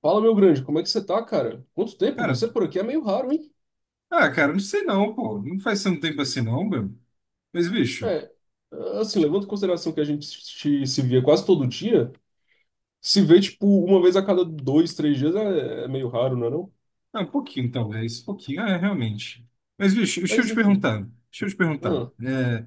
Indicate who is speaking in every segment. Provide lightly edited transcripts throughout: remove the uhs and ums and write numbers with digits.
Speaker 1: Fala, meu grande, como é que você tá, cara? Quanto tempo?
Speaker 2: Cara,
Speaker 1: Você por aqui é meio raro, hein?
Speaker 2: ah, cara, não sei não, pô. Não faz tanto tempo assim não, meu. Mas, bicho,
Speaker 1: É, assim,
Speaker 2: deixa-
Speaker 1: levando em consideração que a gente se via quase todo dia, se vê, tipo, uma vez a cada dois, três dias é meio raro, não é não?
Speaker 2: ah, um pouquinho talvez, um pouquinho, é, realmente. Mas, bicho, deixa eu
Speaker 1: Mas,
Speaker 2: te
Speaker 1: enfim.
Speaker 2: perguntar, deixa eu te perguntar.
Speaker 1: Ah,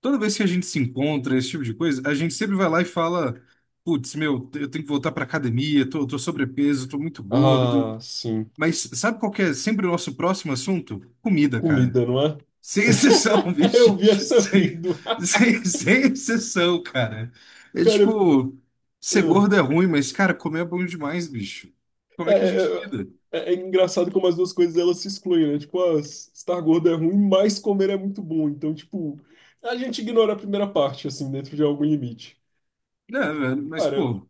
Speaker 2: Toda vez que a gente se encontra, esse tipo de coisa, a gente sempre vai lá e fala, putz, meu, eu tenho que voltar pra academia, tô sobrepeso, tô muito
Speaker 1: ah,
Speaker 2: gordo.
Speaker 1: sim.
Speaker 2: Mas sabe qual que é sempre o nosso próximo assunto? Comida, cara.
Speaker 1: Comida, não é?
Speaker 2: Sem exceção,
Speaker 1: Eu
Speaker 2: bicho.
Speaker 1: vi essa
Speaker 2: Sem,
Speaker 1: vindo.
Speaker 2: sem exceção, cara. É
Speaker 1: Cara,
Speaker 2: tipo, ser
Speaker 1: ah.
Speaker 2: gordo é ruim, mas, cara, comer é bom demais, bicho. Como
Speaker 1: é,
Speaker 2: é que a gente
Speaker 1: é,
Speaker 2: lida?
Speaker 1: é engraçado como as duas coisas, elas se excluem, né? Tipo, ah, estar gordo é ruim, mas comer é muito bom. Então, tipo, a gente ignora a primeira parte, assim, dentro de algum limite.
Speaker 2: Não, velho, mas,
Speaker 1: Cara,
Speaker 2: pô,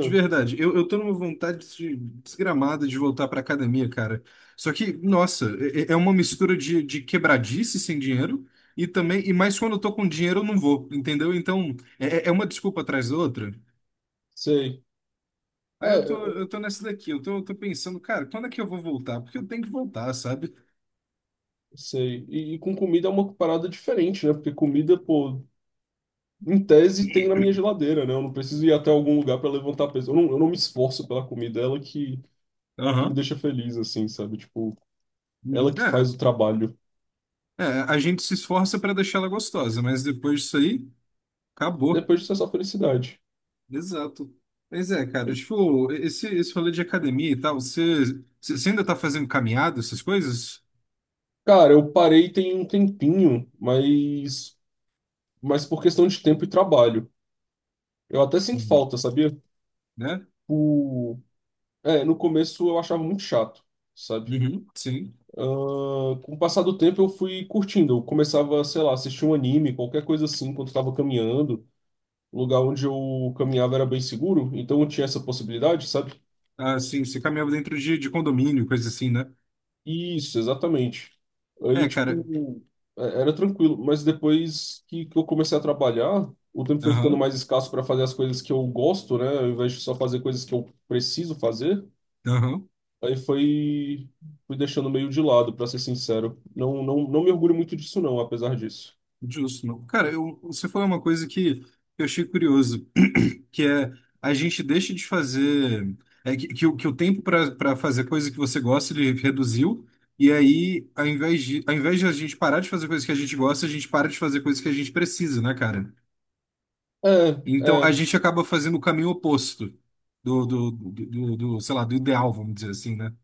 Speaker 2: de verdade, eu tô numa vontade desgramada de voltar pra academia, cara. Só que, nossa, é uma mistura de quebradice sem dinheiro e também, e mais quando eu tô com dinheiro eu não vou, entendeu? Então, é uma desculpa atrás da outra.
Speaker 1: sei.
Speaker 2: Aí
Speaker 1: É,
Speaker 2: eu
Speaker 1: eu-
Speaker 2: tô, eu
Speaker 1: eu
Speaker 2: tô nessa daqui, eu tô pensando, cara, quando é que eu vou voltar? Porque eu tenho que voltar, sabe?
Speaker 1: sei. E com comida é uma parada diferente, né? Porque comida, pô, em tese tem na minha geladeira, né? Eu não preciso ir até algum lugar pra levantar peso. Eu não me esforço pela comida, é ela que me
Speaker 2: Aham.
Speaker 1: deixa feliz, assim, sabe? Tipo,
Speaker 2: Uhum.
Speaker 1: ela que faz o trabalho.
Speaker 2: É, a gente se esforça pra deixar ela gostosa, mas depois disso aí, acabou.
Speaker 1: Depois disso é só felicidade.
Speaker 2: Exato. Mas é, cara, tipo, esse rolê de academia e tal, você ainda tá fazendo caminhada, essas coisas?
Speaker 1: Cara, eu parei tem um tempinho, mas por questão de tempo e trabalho. Eu até sinto
Speaker 2: Uhum.
Speaker 1: falta, sabia?
Speaker 2: Né?
Speaker 1: O... É, no começo eu achava muito chato, sabe?
Speaker 2: Uhum. Sim.
Speaker 1: Ah, com o passar do tempo eu fui curtindo. Eu começava, sei lá, assistir um anime, qualquer coisa assim, quando estava caminhando. O lugar onde eu caminhava era bem seguro, então eu tinha essa possibilidade, sabe?
Speaker 2: Ah, sim, você caminhava dentro de condomínio, coisa assim, né?
Speaker 1: Isso, exatamente. Aí,
Speaker 2: É, cara.
Speaker 1: tipo, era tranquilo. Mas depois que eu comecei a trabalhar, o tempo foi ficando
Speaker 2: Aham,
Speaker 1: mais escasso para fazer as coisas que eu gosto, né? Ao invés de só fazer coisas que eu preciso fazer.
Speaker 2: aham.
Speaker 1: Aí foi, fui deixando meio de lado, para ser sincero. Não me orgulho muito disso, não, apesar disso.
Speaker 2: Justo, não. Cara, você falou uma coisa que eu achei curioso, que é a gente deixa de fazer, é o que o tempo para fazer coisa que você gosta ele reduziu. E aí, ao invés de a gente parar de fazer coisas que a gente gosta, a gente para de fazer coisas que a gente precisa, né, cara?
Speaker 1: É,
Speaker 2: Então a
Speaker 1: é.
Speaker 2: gente acaba fazendo o caminho oposto sei lá do ideal, vamos dizer assim, né?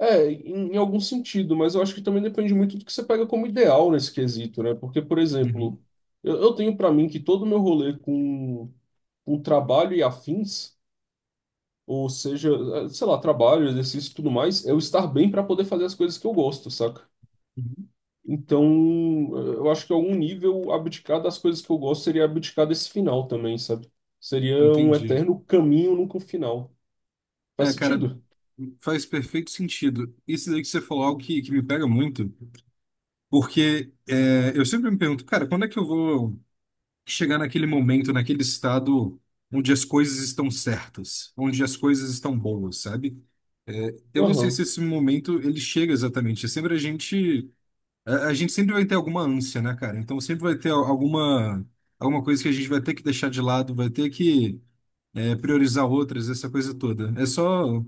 Speaker 1: É, em algum sentido, mas eu acho que também depende muito do que você pega como ideal nesse quesito, né? Porque, por exemplo,
Speaker 2: Uhum,
Speaker 1: eu tenho pra mim que todo o meu rolê com trabalho e afins, ou seja, sei lá, trabalho, exercício e tudo mais, é eu estar bem pra poder fazer as coisas que eu gosto, saca?
Speaker 2: uhum.
Speaker 1: Então, eu acho que em algum nível abdicar das coisas que eu gosto seria abdicar desse final também, sabe? Seria um
Speaker 2: Entendi.
Speaker 1: eterno caminho, nunca um final. Faz
Speaker 2: É, cara,
Speaker 1: sentido?
Speaker 2: faz perfeito sentido. Isso daí que você falou é algo que me pega muito, porque é, eu sempre me pergunto, cara, quando é que eu vou chegar naquele momento, naquele estado onde as coisas estão certas, onde as coisas estão boas, sabe? É, eu não sei se
Speaker 1: Aham.
Speaker 2: esse momento ele chega exatamente. É sempre a gente sempre vai ter alguma ânsia, né, cara? Então sempre vai ter alguma coisa que a gente vai ter que deixar de lado, vai ter que priorizar outras, essa coisa toda. É só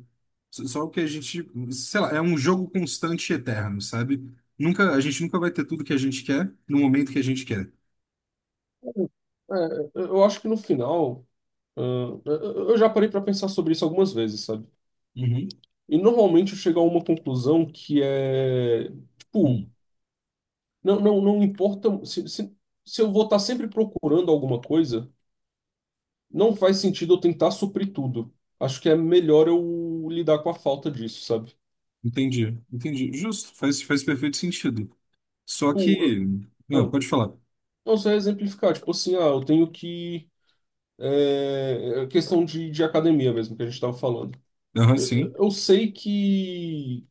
Speaker 2: só o que a gente, sei lá, é um jogo constante e eterno, sabe? Nunca, a gente nunca vai ter tudo que a gente quer no momento que a gente quer.
Speaker 1: É, eu acho que no final. Ah, eu já parei para pensar sobre isso algumas vezes, sabe?
Speaker 2: Uhum.
Speaker 1: E normalmente eu chego a uma conclusão que é, tipo,
Speaker 2: Uhum.
Speaker 1: não importa se eu vou estar sempre procurando alguma coisa, não faz sentido eu tentar suprir tudo. Acho que é melhor eu lidar com a falta disso, sabe?
Speaker 2: Entendi, entendi. Justo, faz perfeito sentido. Só
Speaker 1: Tipo,
Speaker 2: que.
Speaker 1: eu-
Speaker 2: Não,
Speaker 1: ah,
Speaker 2: pode falar.
Speaker 1: não sei exemplificar, tipo assim, ah, eu tenho que é, é questão de academia mesmo que a gente estava falando.
Speaker 2: Aham,
Speaker 1: eu-
Speaker 2: sim,
Speaker 1: eu sei que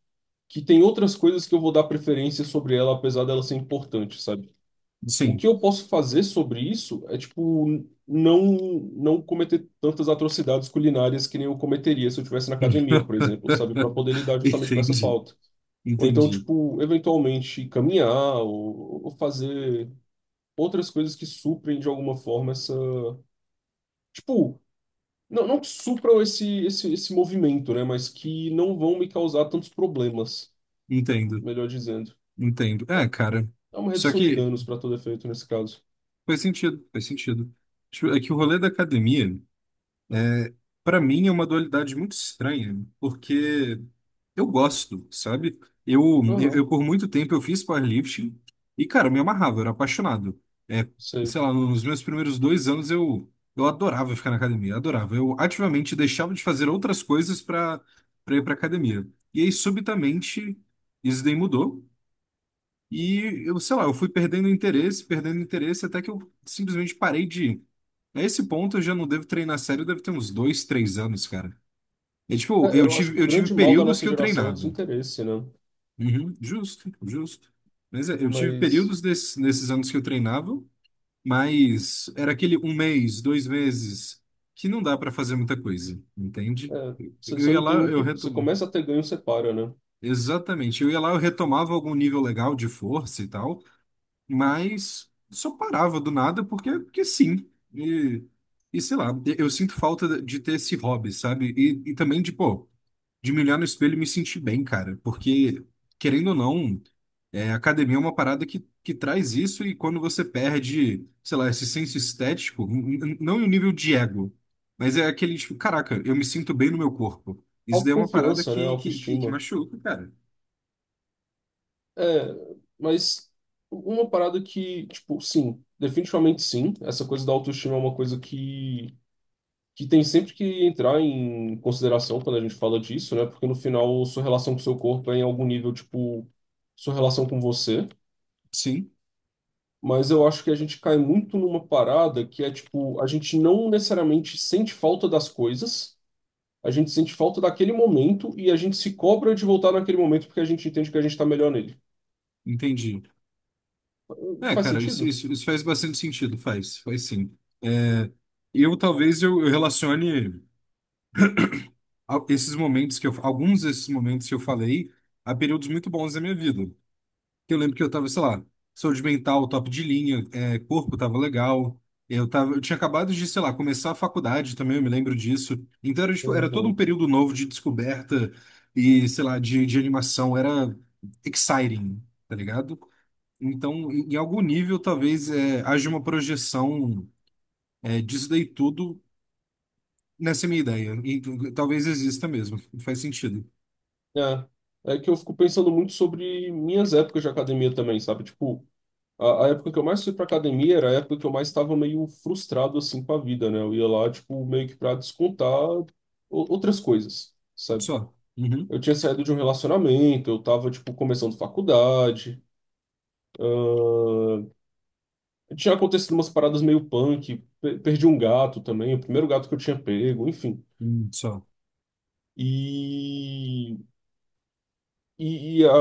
Speaker 1: que tem outras coisas que eu vou dar preferência sobre ela, apesar dela ser importante, sabe? O que
Speaker 2: sim.
Speaker 1: eu posso fazer sobre isso é, tipo, não não cometer tantas atrocidades culinárias que nem eu cometeria se eu estivesse na academia, por exemplo, sabe? Para poder lidar justamente com essa
Speaker 2: Entendi,
Speaker 1: falta. Ou então,
Speaker 2: entendi.
Speaker 1: tipo, eventualmente caminhar ou fazer outras coisas que suprem de alguma forma essa. Tipo, não, não que supram esse movimento, né? Mas que não vão me causar tantos problemas,
Speaker 2: Entendo,
Speaker 1: melhor dizendo.
Speaker 2: entendo. É, cara.
Speaker 1: É uma
Speaker 2: Só
Speaker 1: redução de
Speaker 2: que
Speaker 1: danos para todo efeito nesse caso.
Speaker 2: faz sentido, faz sentido. Tipo, é que o rolê da academia para mim é uma dualidade muito estranha, porque eu gosto, sabe? Eu, eu,
Speaker 1: Aham,
Speaker 2: eu, por muito tempo eu fiz powerlifting e, cara, eu me amarrava, eu era apaixonado. É,
Speaker 1: sei.
Speaker 2: sei lá, nos meus primeiros 2 anos eu adorava ficar na academia, adorava. Eu ativamente deixava de fazer outras coisas para ir para academia. E aí, subitamente, isso daí mudou. E eu, sei lá, eu fui perdendo interesse, até que eu simplesmente parei de ir. A esse ponto eu já não devo treinar sério, deve ter uns 2, 3 anos, cara. E, tipo,
Speaker 1: É,
Speaker 2: eu
Speaker 1: eu acho que
Speaker 2: tive,
Speaker 1: o
Speaker 2: eu tive
Speaker 1: grande mal da
Speaker 2: períodos que
Speaker 1: nossa
Speaker 2: eu
Speaker 1: geração é o
Speaker 2: treinava.
Speaker 1: desinteresse, né?
Speaker 2: Uhum, justo, justo. Mas é, eu tive
Speaker 1: Mas
Speaker 2: períodos desses, nesses anos que eu treinava, mas era aquele um mês, 2 meses, que não dá pra fazer muita coisa, entende?
Speaker 1: é,
Speaker 2: Eu
Speaker 1: você
Speaker 2: ia
Speaker 1: não tem
Speaker 2: lá, eu
Speaker 1: muito. Você
Speaker 2: retomava.
Speaker 1: começa a ter ganho, você para, né?
Speaker 2: Exatamente. Eu ia lá, eu retomava algum nível legal de força e tal, mas só parava do nada porque sim. E, sei lá, eu sinto falta de ter esse hobby, sabe? E, também de, pô, de me olhar no espelho e me sentir bem, cara, porque, querendo ou não, é, academia é uma parada que traz isso e quando você perde, sei lá, esse senso estético, não em um nível de ego, mas é aquele tipo, caraca, eu me sinto bem no meu corpo. Isso daí é uma parada
Speaker 1: Autoconfiança, né?
Speaker 2: que
Speaker 1: Autoestima.
Speaker 2: machuca, cara.
Speaker 1: É, mas uma parada que, tipo, sim, definitivamente sim. Essa coisa da autoestima é uma coisa que tem sempre que entrar em consideração quando a gente fala disso, né? Porque no final, sua relação com o seu corpo é em algum nível, tipo, sua relação com você.
Speaker 2: Sim,
Speaker 1: Mas eu acho que a gente cai muito numa parada que é tipo, a gente não necessariamente sente falta das coisas, a gente sente falta daquele momento e a gente se cobra de voltar naquele momento porque a gente entende que a gente tá melhor nele.
Speaker 2: entendi. É,
Speaker 1: Faz
Speaker 2: cara, isso,
Speaker 1: sentido?
Speaker 2: isso, isso faz bastante sentido, faz sim. É, eu talvez eu relacione esses momentos alguns desses momentos que eu falei a períodos muito bons da minha vida. Eu lembro que eu tava, sei lá, saúde mental, top de linha, é, corpo tava legal, eu tinha acabado de, sei lá, começar a faculdade também, eu me lembro disso. Então era, tipo, era todo um
Speaker 1: Uhum.
Speaker 2: período novo de descoberta e, sei lá, de animação, era exciting, tá ligado? Então, em algum nível, talvez haja uma projeção disso daí tudo nessa minha ideia. E talvez exista mesmo. Faz sentido.
Speaker 1: É. É que eu fico pensando muito sobre minhas épocas de academia também, sabe? Tipo, a época que eu mais fui pra academia era a época que eu mais estava meio frustrado assim com a vida, né? Eu ia lá, tipo, meio que pra outras coisas, sabe?
Speaker 2: Só. Uhum.
Speaker 1: Eu tinha saído de um relacionamento, eu tava, tipo, começando faculdade. Tinha acontecido umas paradas meio punk, perdi um gato também, o primeiro gato que eu tinha pego, enfim.
Speaker 2: Só.
Speaker 1: E E, e a,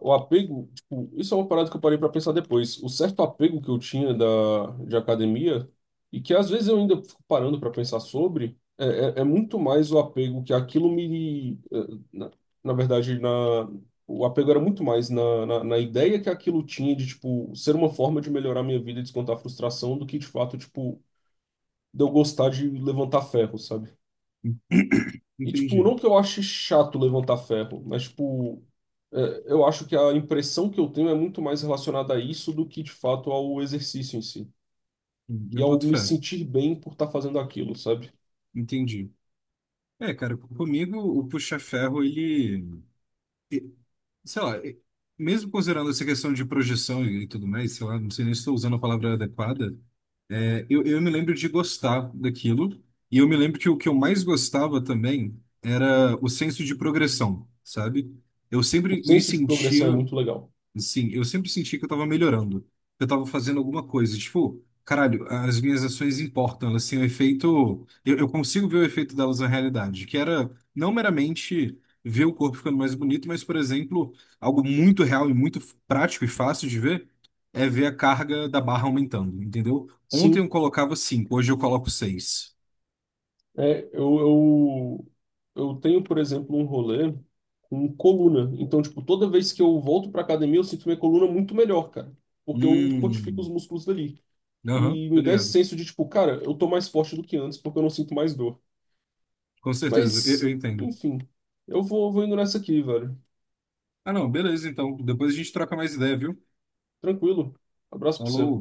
Speaker 1: o apego, tipo, isso é uma parada que eu parei pra pensar depois. O certo apego que eu tinha da, de academia, e que às vezes eu ainda fico parando pra pensar sobre, é muito mais o apego que aquilo me. Eh, Na, na verdade, na, o apego era muito mais na, na ideia que aquilo tinha de, tipo, ser uma forma de melhorar minha vida e descontar a frustração do que, de fato, tipo, de eu gostar de levantar ferro, sabe? E, tipo,
Speaker 2: Entendi.
Speaker 1: não que eu ache chato levantar ferro, mas, tipo, é, eu acho que a impressão que eu tenho é muito mais relacionada a isso do que, de fato, ao exercício em si. E
Speaker 2: Eu
Speaker 1: ao
Speaker 2: boto
Speaker 1: me
Speaker 2: fé.
Speaker 1: sentir bem por estar fazendo aquilo, sabe?
Speaker 2: Entendi. É, cara, comigo o puxa-ferro, ele. Sei lá, mesmo considerando essa questão de projeção e tudo mais, sei lá, não sei nem se estou usando a palavra adequada, é, eu me lembro de gostar daquilo, e eu me lembro que o que eu mais gostava também era o senso de progressão, sabe? Eu
Speaker 1: O
Speaker 2: sempre me
Speaker 1: senso de
Speaker 2: sentia.
Speaker 1: progressão é muito legal.
Speaker 2: Sim, eu sempre senti que eu tava melhorando. Eu tava fazendo alguma coisa. Tipo, caralho, as minhas ações importam. Elas têm um efeito. Eu consigo ver o efeito delas na realidade, que era não meramente ver o corpo ficando mais bonito, mas, por exemplo, algo muito real e muito prático e fácil de ver é ver a carga da barra aumentando, entendeu? Ontem eu
Speaker 1: Sim,
Speaker 2: colocava cinco, hoje eu coloco seis.
Speaker 1: é, eu tenho, por exemplo, um rolê com coluna. Então, tipo, toda vez que eu volto pra academia, eu sinto minha coluna muito melhor, cara. Porque eu fortifico
Speaker 2: Hum,
Speaker 1: os músculos dali.
Speaker 2: aham,
Speaker 1: E
Speaker 2: tá
Speaker 1: me dá esse
Speaker 2: ligado.
Speaker 1: senso de, tipo, cara, eu tô mais forte do que antes porque eu não sinto mais dor.
Speaker 2: Com certeza, eu
Speaker 1: Mas,
Speaker 2: entendo.
Speaker 1: enfim, eu vou, vou indo nessa aqui, velho.
Speaker 2: Ah, não, beleza, então. Depois a gente troca mais ideia, viu?
Speaker 1: Tranquilo. Abraço pra
Speaker 2: Falou.
Speaker 1: você.